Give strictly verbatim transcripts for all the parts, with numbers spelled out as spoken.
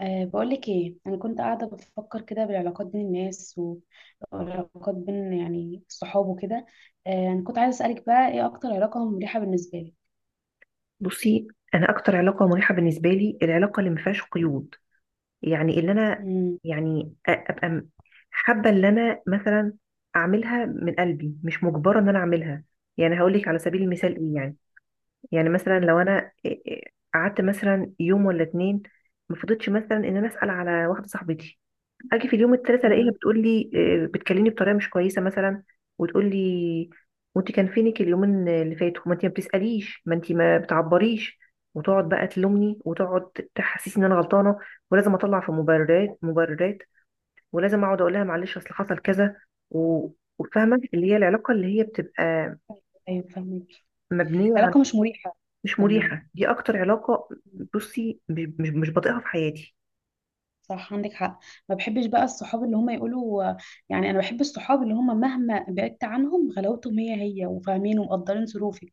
أه بقولك ايه، انا كنت قاعده بفكر كده بالعلاقات بين الناس و- والعلاقات بين يعني الصحاب وكده. أه انا كنت عايزه اسالك بقى، ايه اكتر علاقه مريحه بالنسبه لك؟ بصي، انا اكتر علاقه مريحه بالنسبه لي العلاقه اللي ما فيهاش قيود. يعني اللي انا، امم. يعني أ- ابقى م- حابه اللي انا مثلا اعملها من قلبي، مش مجبره ان انا اعملها. يعني هقول لك على سبيل المثال ايوه. ايه يعني. يعني مثلا امم. لو انا إيه- إيه قعدت مثلا يوم ولا اتنين، ما فضلتش مثلا ان انا اسال على واحده صاحبتي، اجي في اليوم التالت الاقيها أمم. بتقول لي، آه، بتكلمني بطريقه مش كويسه مثلا، وتقول لي وانت كان فينك اليومين اللي فاتوا، ما انت ما بتساليش، ما انت ما بتعبريش، وتقعد بقى تلومني وتقعد تحسسني ان انا غلطانه، ولازم اطلع في مبررات مبررات ولازم اقعد اقول لها معلش اصل حصل كذا و- وفاهمه اللي هي العلاقه اللي هي بتبقى ايوه، فاهمك. مبنيه على، العلاقه مش مريحه مش جدا يعني. مريحه. دي اكتر علاقه، بصي مش مش مش بطيقها في حياتي. صح، عندك حق. ما بحبش بقى الصحاب اللي هم يقولوا يعني. انا بحب الصحاب اللي هم مهما بعدت عنهم غلاوتهم هي هي، وفاهمين ومقدرين ظروفك.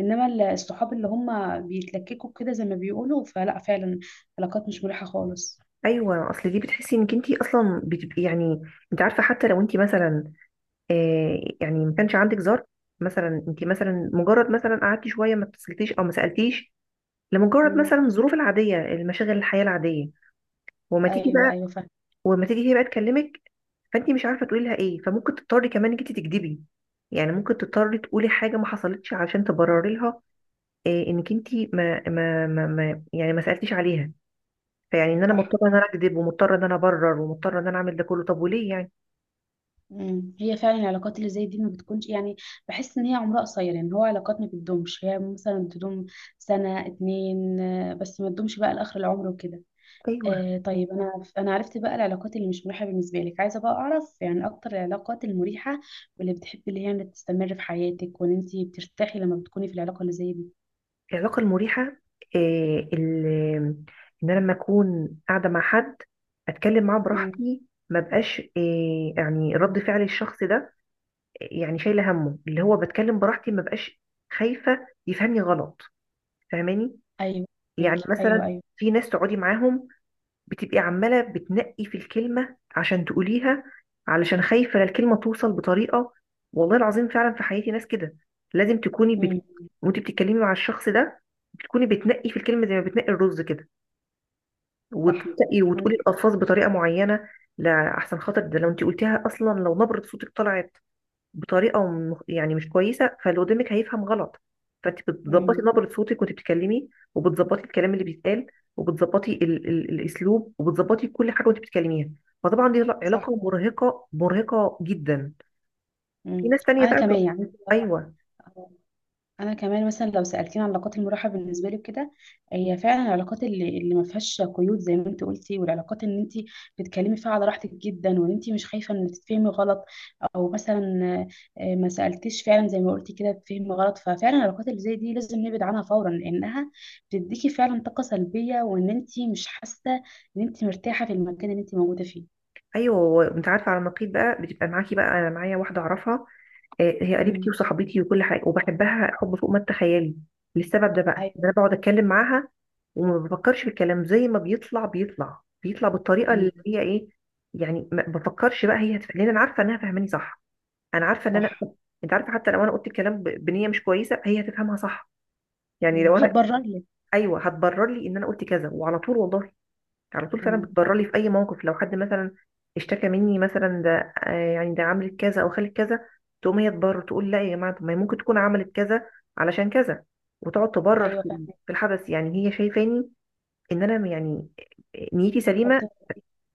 انما ال- الصحاب اللي هم بيتلككوا كده، زي ما بيقولوا، فلا فعلا علاقات مش مريحة خالص. ايوه، اصل دي بتحسي انك انت اصلا بتبقي يعني، انت عارفه حتى لو انت مثلا، آه، يعني ما كانش عندك زر، مثلا انت مثلا مجرد مثلا قعدتي شويه ما اتصلتيش او ما سالتيش، لمجرد مثلا امم. الظروف العاديه، المشاغل، الحياه العاديه، وما تيجي ايوه، بقى، ايوه فاهم. وما تيجي هي بقى تكلمك، فانت مش عارفه تقولي لها ايه، فممكن تضطري كمان انك انت تكدبي. يعني ممكن تضطري تقولي حاجه ما حصلتش عشان تبرري لها، آه، انك انت ما ما ما ما- يعني ما سالتيش عليها. فيعني ان انا صح مضطره ان عندك. انا اكذب، ومضطره ان انا ابرر، ومضطره ان انا اعمل ده كله، طب وليه يعني؟ امم. هي فعلا العلاقات اللي زي دي ما بتكونش يعني، بحس ان هي عمرها قصير يعني. هو علاقات ما بتدومش، هي مثلا بتدوم سنة اتنين، آه، بس ما تدومش بقى لاخر العمر وكده. ايوه. آه طيب، انا انا عرفت بقى العلاقات اللي مش مريحه بالنسبه لك. عايزه بقى اعرف يعني اكتر العلاقات المريحه، واللي بتحبي اللي هي يعني تستمر في حياتك، وان انت بترتاحي لما بتكوني في العلاقه اللي زي دي. العلاقة المريحة، آه، ال- إن أنا لما أكون قاعدة مع حد أتكلم معاه امم. براحتي، ما بقاش آه، يعني رد فعل الشخص ده، آه، يعني شايلة همه. اللي هو بتكلم براحتي، ما بقاش خايفة يفهمني غلط، فاهماني؟ ايوه، يعني ميكي. ايوه، مثلا ايوه. في ناس تقعدي معاهم بتبقي عمالة بتنقي في الكلمة عشان تقوليها، علشان خايفة لا الكلمة توصل بطريقة. والله العظيم فعلا في حياتي ناس كده، لازم تكوني بت... امم. وانت بتتكلمي مع الشخص ده بتكوني بتنقي في الكلمة زي ما بتنقي الرز كده، صح وتنقي وتقولي عندك حق. الألفاظ بطريقة معينة. لا أحسن خاطر ده لو انت قلتيها أصلا لو نبرة صوتك طلعت بطريقه م- يعني مش كويسه، فاللي قدامك هيفهم غلط. فانت بتظبطي امم. نبره صوتك وانت بتتكلمي، وبتظبطي الكلام اللي بيتقال، وبتظبطي ال ال الاسلوب، وبتظبطي كل حاجه وانت بتتكلميها. فطبعا دي صح. علاقه مرهقه، مرهقه جدا. في امم، ناس تانية انا بقى. كمان يعني. ايوه، انا كمان مثلا، لو سالتيني عن علاقات المراحه بالنسبه لي كده، هي فعلا العلاقات اللي, اللي ما فيهاش قيود، زي ما انت قلتي، والعلاقات ان انت بتتكلمي فيها على راحتك جدا، وان انت مش خايفه ان تتفهمي غلط، او مثلا آه، ما سالتيش، فعلا زي ما قلتي كده، تتفهمي غلط. ففعلا العلاقات اللي زي دي لازم نبعد عنها فورا، لانها بتديكي فعلا طاقه سلبيه، وان انت مش حاسه ان انت مرتاحه في المكان اللي انت موجوده فيه. ايوه، انت عارفه، على النقيض بقى بتبقى معاكي بقى، انا معايا واحده اعرفها، آه، هي قريبتي امم. وصاحبتي وكل حاجه، وبحبها حب فوق ما تتخيلي. للسبب ده بقى ان ايوه. انا بقعد اتكلم معاها وما بفكرش في الكلام، زي ما بيطلع بيطلع بيطلع بالطريقه امم. اللي هي ايه. يعني ما بفكرش بقى هي هتف... لان انا عارفه انها فاهماني صح، انا عارفه ان انا صح. انت عارفه حتى لو انا قلت الكلام ب... بنيه مش كويسه هي هتفهمها صح، يعني امم، لو انا، هتبرر لك. ايوه هتبرر لي ان انا قلت كذا، وعلى طول والله على طول فعلا امم. بتبرر لي في اي موقف. لو حد مثلا اشتكى مني مثلا، ده آه، يعني ده عملت كذا او خلت كذا، تقوم هي تبرر، تقول لا يا جماعه طب ما هي ممكن تكون عملت كذا علشان كذا، وتقعد تبرر ايوه في فاهمه. في الحدث. يعني هي شايفاني ان انا يعني نيتي سليمه، أوكي.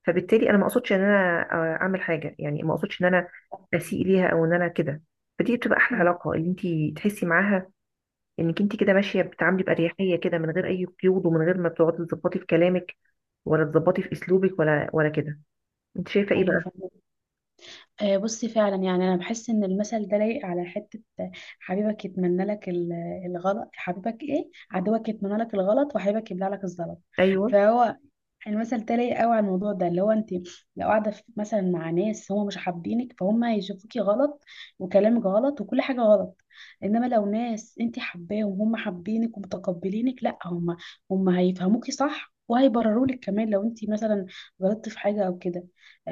فبالتالي انا ما اقصدش ان انا، آه، اعمل حاجه. يعني ما اقصدش ان انا اسيء ليها او ان انا كده. فدي بتبقى احلى امم. علاقه، اللي انت تحسي معاها انك انت كده ماشيه بتتعاملي باريحيه كده، من غير اي قيود، ومن غير ما بتقعدي تظبطي في كلامك، ولا تظبطي في اسلوبك، ولا ولا كده. انت شايفه ايه ايوه بقى؟ فاهمة. آه، بصي فعلا يعني انا بحس ان المثل ده لايق على حته. آه، حبيبك يتمنى لك ال- الغلط، حبيبك ايه، عدوك يتمنى لك الغلط، وحبيبك يبلع لك الزلط. ايوه، فهو المثل ده لايق قوي على الموضوع ده، اللي هو انت لو قاعده في- مثلا مع ناس هم مش حابينك، فهم هيشوفوكي غلط، وكلامك غلط، وكل حاجه غلط. انما لو ناس انت حباهم وهم حابينك ومتقبلينك، لا، هم هم هيفهموكي صح، وهيبرروا لك كمان لو انت مثلا غلطتي في حاجه او كده.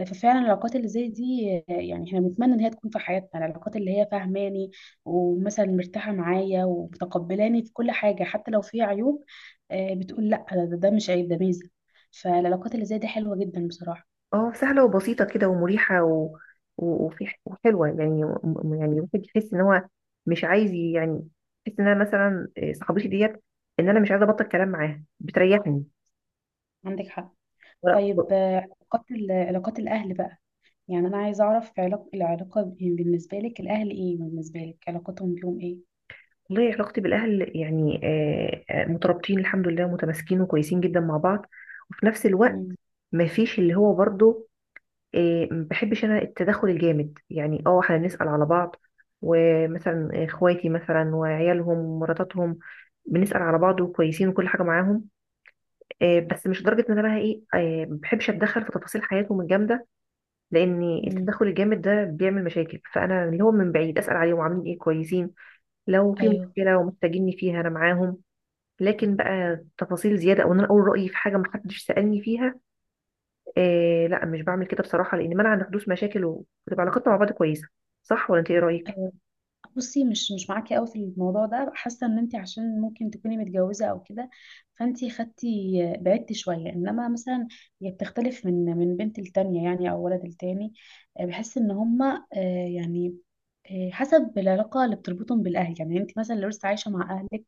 ففعلا العلاقات اللي زي دي آه، يعني احنا بنتمنى ان هي تكون في حياتنا. العلاقات اللي هي فاهماني، ومثلا مرتاحه معايا ومتقبلاني في كل حاجه، حتى لو في عيوب آه، بتقول لا، ده, ده مش عيب، ده ميزه. فالعلاقات اللي زي دي حلوه جدا بصراحه. اه سهله وبسيطه كده ومريحه و... و- وفي ح- وحلوه يعني، م- يعني الواحد يحس ان هو مش عايز ي- يعني يحس ان انا مثلا إيه، صاحبتي ديت، ان انا مش عايزه ابطل كلام معاها، بتريحني عندك حق. طيب، ولا- آه، علاقات ال- علاقات الاهل بقى. يعني انا عايزه اعرف علاقه العلاقه ب- بالنسبه لك الاهل ايه، بالنسبه لك علاقتهم بيهم ايه؟ والله علاقتي بالاهل يعني، آه، آه، مترابطين الحمد لله، متماسكين وكويسين جدا مع بعض. وفي نفس الوقت مم. ما فيش اللي هو برضه إيه، ما بحبش انا التدخل الجامد. يعني اه احنا بنسأل على بعض، ومثلا اخواتي مثلا وعيالهم ومراتاتهم، بنسأل على بعض وكويسين وكل حاجة معاهم. إيه، بس مش لدرجة ان انا بقى ايه، إيه، ما بحبش اتدخل في تفاصيل حياتهم الجامدة، لان مم. التدخل الجامد ده بيعمل مشاكل. فانا اللي هو من بعيد اسأل عليهم عاملين ايه، كويسين، لو في ايوه، مشكلة ومحتاجيني فيها انا معاهم. لكن بقى تفاصيل زيادة، او ان انا اقول رأيي في حاجة محدش سألني فيها، إيه لا مش بعمل كده بصراحة، لأن منع عن حدوث مشاكل، وبتبقى علاقتنا مع بعض كويسة. صح ولا أنت إيه رأيك؟ بصي، مش مش معاكي قوي في الموضوع ده. حاسه ان انت، عشان ممكن تكوني متجوزه او كده، فانت خدتي بعدتي شويه. انما مثلا، هي بتختلف من من بنت التانية يعني، او ولد التاني. آه، بحس ان هما آه، يعني آه، حسب العلاقه اللي بتربطهم بالاهل يعني. انت مثلا لو لسه عايشه مع اهلك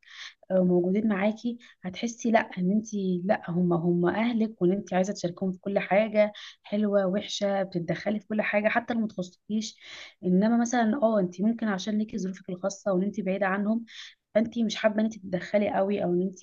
آه، موجودين معاكي، هتحسي لا ان انت، لا هم هم اهلك، وان انت عايزه تشاركهم في كل حاجه، حلوه وحشه، بتتدخلي في كل حاجه حتى لو ما تخصكيش. انما مثلا اه انت ممكن، عشان ليكي ظروفك الخاصه وان انت بعيده عنهم، فانت مش حابه ان انت تتدخلي قوي، او ان انت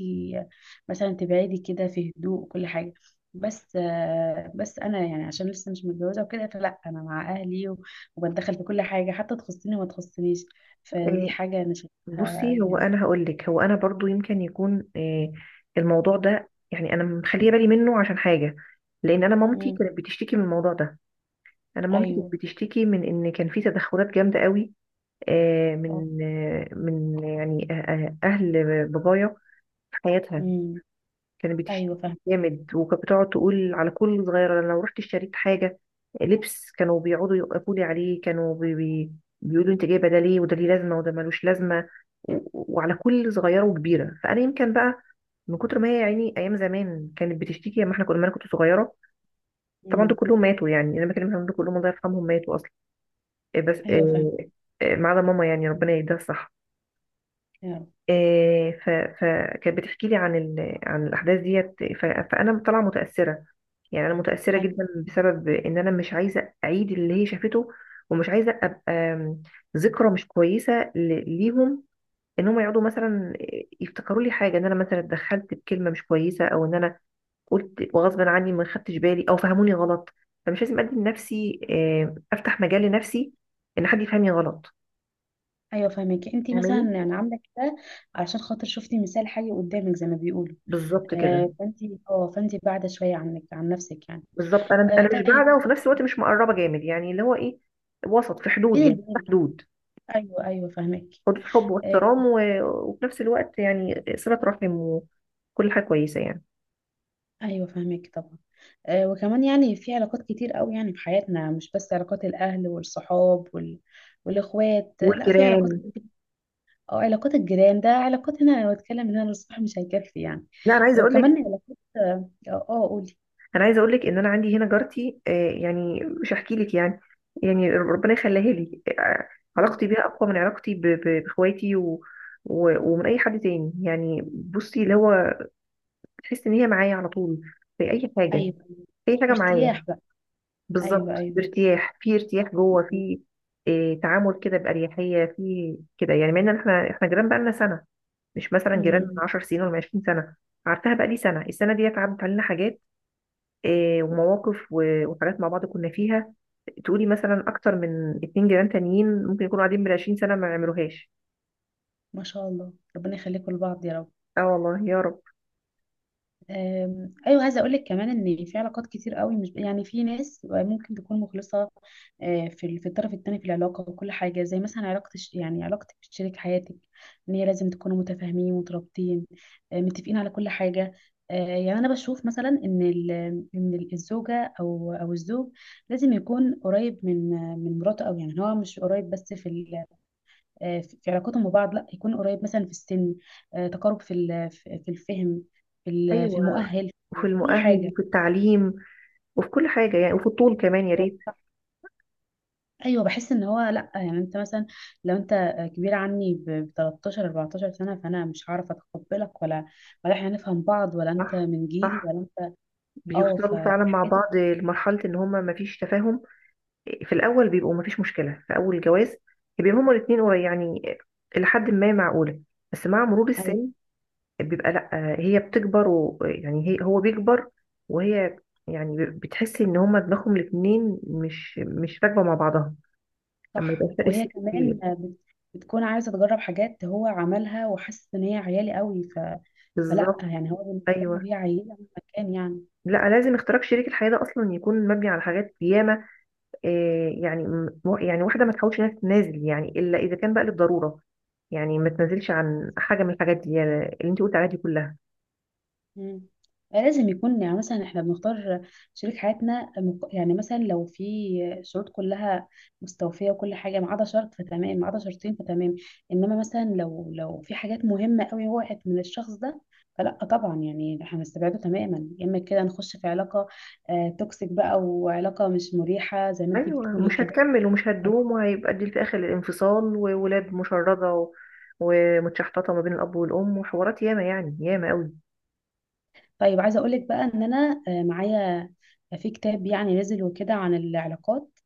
مثلا تبعدي كده في هدوء وكل حاجه. بس آه، بس انا يعني، عشان لسه مش متجوزه وكده، فلا انا مع اهلي، و- وبتدخل في كل حاجه حتى تخصني وما تخصنيش. فدي إيه حاجه انا شايفها بصي، هو يعني. أنا هقول لك، هو أنا برضو يمكن يكون إيه الموضوع ده يعني أنا مخلية بالي منه عشان حاجة. لأن أنا مامتي كانت بتشتكي من الموضوع ده، أنا مامتي كانت ايوه. بتشتكي من إن كان في تدخلات جامدة قوي، آه، اه. من آه، من يعني آه، آه، أهل بابايا في حياتها، امم. كانت ايوه بتشتكي فاهم. جامد. وكانت بتقعد تقول على كل صغيرة، أنا لو رحت اشتريت حاجة لبس كانوا بيقعدوا يوقفوا لي عليه، كانوا بي بي بيقولوا انت جايبة ده ليه، وده ليه لازمة وده ملوش لازمة، و- وعلى كل صغيرة وكبيرة. فأنا يمكن بقى من كتر ما هي يعني أيام زمان كانت بتشتكي لما احنا كنا، لما أنا كنت صغيرة. طبعا دول امم. كلهم ماتوا، يعني أنا بكلمها دول كلهم الله يرحمهم، ماتوا أصلا، إيه بس إيه ايوه فاهم. إيه ما عدا ماما، يعني ربنا يهديها الصح. يا رب. إيه ف- فكانت بتحكي لي عن ال- عن الأحداث ديت، ف- فأنا طالعة متأثرة. يعني انا متاثره ايوه، جدا بسبب ان انا مش عايزه اعيد اللي هي شافته، ومش عايزه ابقى آم، ذكرى مش كويسه ل- ليهم، ان هم يقعدوا مثلا يفتكروا لي حاجه، ان انا مثلا اتدخلت بكلمه مش كويسه، او ان انا قلت وغصب عني ما خدتش بالي، او فهموني غلط. فمش لازم ادي لنفسي، آم، افتح مجال لنفسي ان حد يفهمني غلط، ايوه فاهمك. انت مثلا فاهماني؟ يعني عامله كده علشان خاطر شفتي مثال حي قدامك، زي ما بيقولوا. بالظبط كده. آه فانت اه فانت بعد شويه عنك عن نفسك يعني. بالظبط، انا آه انا مش طيب. بعده، وفي نفس الوقت مش مقربه جامد. يعني اللي هو ايه، وسط، في حدود، بين يعني في البنين كده. حدود، ايوه، ايوه فاهمك. حدود حب آه واحترام و... وفي نفس الوقت يعني صلة رحم وكل حاجة كويسة يعني. ايوه فاهمك طبعا. آه وكمان يعني، في علاقات كتير قوي يعني في حياتنا، مش بس علاقات الاهل والصحاب وال... والاخوات، لا، في علاقات والجيران، كتير، أو علاقات الجيران. ده علاقات هنا، لو اتكلم هنا للصبح مش هيكفي يعني. لا أنا عايزة أقول وكمان لك، علاقات اه آه، قولي. أنا عايزة أقول لك إن أنا عندي هنا جارتي، آه، يعني مش هحكي لك يعني، يعني ربنا يخليها لي. آه، علاقتي بيها أقوى من علاقتي ب... ب... بإخواتي و... و... ومن أي حد تاني. يعني بصي اللي هو تحس إن هي معايا على طول في أي حاجة، ايوه، أيوة. في أي حاجة معايا. ارتياح بقى. بالظبط، ايوه، ايوه. بارتياح، في ارتياح جوه م- في، آه، تعامل كده بأريحية في كده. يعني مع إن إحنا إحنا جيران بقالنا سنة، مش مثلا جيران من م- 10 سنين ولا من عشرين سنة سنه. عارفاها بقى لي سنه، السنه ديت عدت علينا حاجات، آه، ومواقف و- وحاجات مع بعض كنا فيها، تقولي مثلا اكتر من اتنين جيران تانيين ممكن يكونوا قاعدين من عشرين سنة سنه ما يعملوهاش. ما شاء الله، ربنا يخليكم لبعض يا رب. اه والله يا رب. أم، ايوه، عايزه اقول لك كمان ان في علاقات كتير قوي، مش يعني في ناس ممكن تكون مخلصه آه، في ال- في الطرف الثاني في العلاقه وكل حاجه، زي مثلا علاقه الش- يعني علاقتك بشريك حياتك، ان هي لازم تكونوا متفاهمين مترابطين، آه، متفقين على كل حاجه. آه، يعني انا بشوف مثلا ان ال- ان ال- الزوجه او او الزوج لازم يكون قريب من من مراته قوي يعني. هو مش قريب بس في آه، في في علاقتهم ببعض، لا، يكون قريب مثلا في السن، آه، تقارب في ال- في في الفهم، في ال- في ايوه، المؤهل، وفي في كل المؤهل حاجة. وفي التعليم وفي كل حاجه يعني، وفي الطول كمان يا هو ريت. صح. ايوه، بحس ان هو لا يعني. انت مثلا لو انت كبير عني ب تلتاشر اربعتاشر سنه، فانا مش هعرف اتقبلك، ولا ولا احنا هنفهم بعض، ولا انت صح، من جيلي، صح، ولا انت اه ف- بيوصلوا فعلا مع فالحاجات اللي بعض دي. لمرحله ان هما ما فيش تفاهم. في الاول بيبقوا ما فيش مشكله في اول الجواز، بيبقوا هما الاثنين يعني لحد ما معقوله. بس مع مرور ايوه السن بيبقى لأ، هي بتكبر، و يعني هي، هو بيكبر وهي، يعني بتحس ان هما دماغهم الاتنين مش مش راكبة مع بعضها، لما صح. يبقى فرق وهي سن كبير. كمان بت- بتكون عايزه تجرب حاجات هو عملها، وحاسس ان هي عيالي قوي ف... فلا بالظبط. يعني، هو بالنسبه له ايوه، هي عيله مهما كان يعني. لا لازم اختراق شريك الحياة ده اصلا يكون مبني على حاجات ياما. آه، يعني م- يعني واحدة ما تحاولش انها تنازل يعني، الا اذا كان بقى للضرورة، يعني ما تنازلش عن حاجة من الحاجات دي يعني، اللي انت قلت عليها دي كلها. مم. آه، لازم يكون يعني، مثلا احنا بنختار شريك حياتنا مق- يعني مثلا لو في شروط كلها مستوفية وكل حاجة، ما عدا شرط فتمام، ما عدا شرطين فتمام. انما مثلا لو لو في حاجات مهمة قوي وقعت من الشخص ده، فلا طبعا يعني احنا هنستبعده تماما، يا اما كده نخش في علاقة آه، توكسيك بقى، وعلاقة مش مريحة زي ما انت ايوه، بتقولي مش كده. هتكمل ومش هتدوم، وهيبقى دي في اخر الانفصال، وولاد مشردة و... ومتشحططة ما بين الاب والام، وحوارات ياما يعني، ياما قوي. طيب، عايزة اقولك بقى ان انا آه، معايا في كتاب يعني نزل وكده عن العلاقات،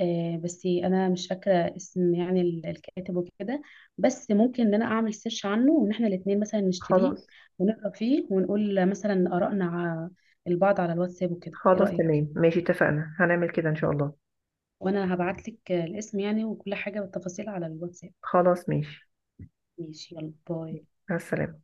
آه، بس انا مش فاكره اسم يعني ال- الكاتب وكده. بس ممكن ان انا اعمل سيرش عنه، وان احنا الاثنين مثلا نشتريه خلاص. ونقرا فيه، ونقول مثلا ارائنا ع- البعض على الواتساب وكده. ايه خلاص رايك؟ تمام ماشي، اتفقنا هنعمل كده ان شاء الله. وانا هبعت لك الاسم يعني وكل حاجه والتفاصيل على الواتساب. خلاص ماشي، ماشي، يلا باي. مع السلامة.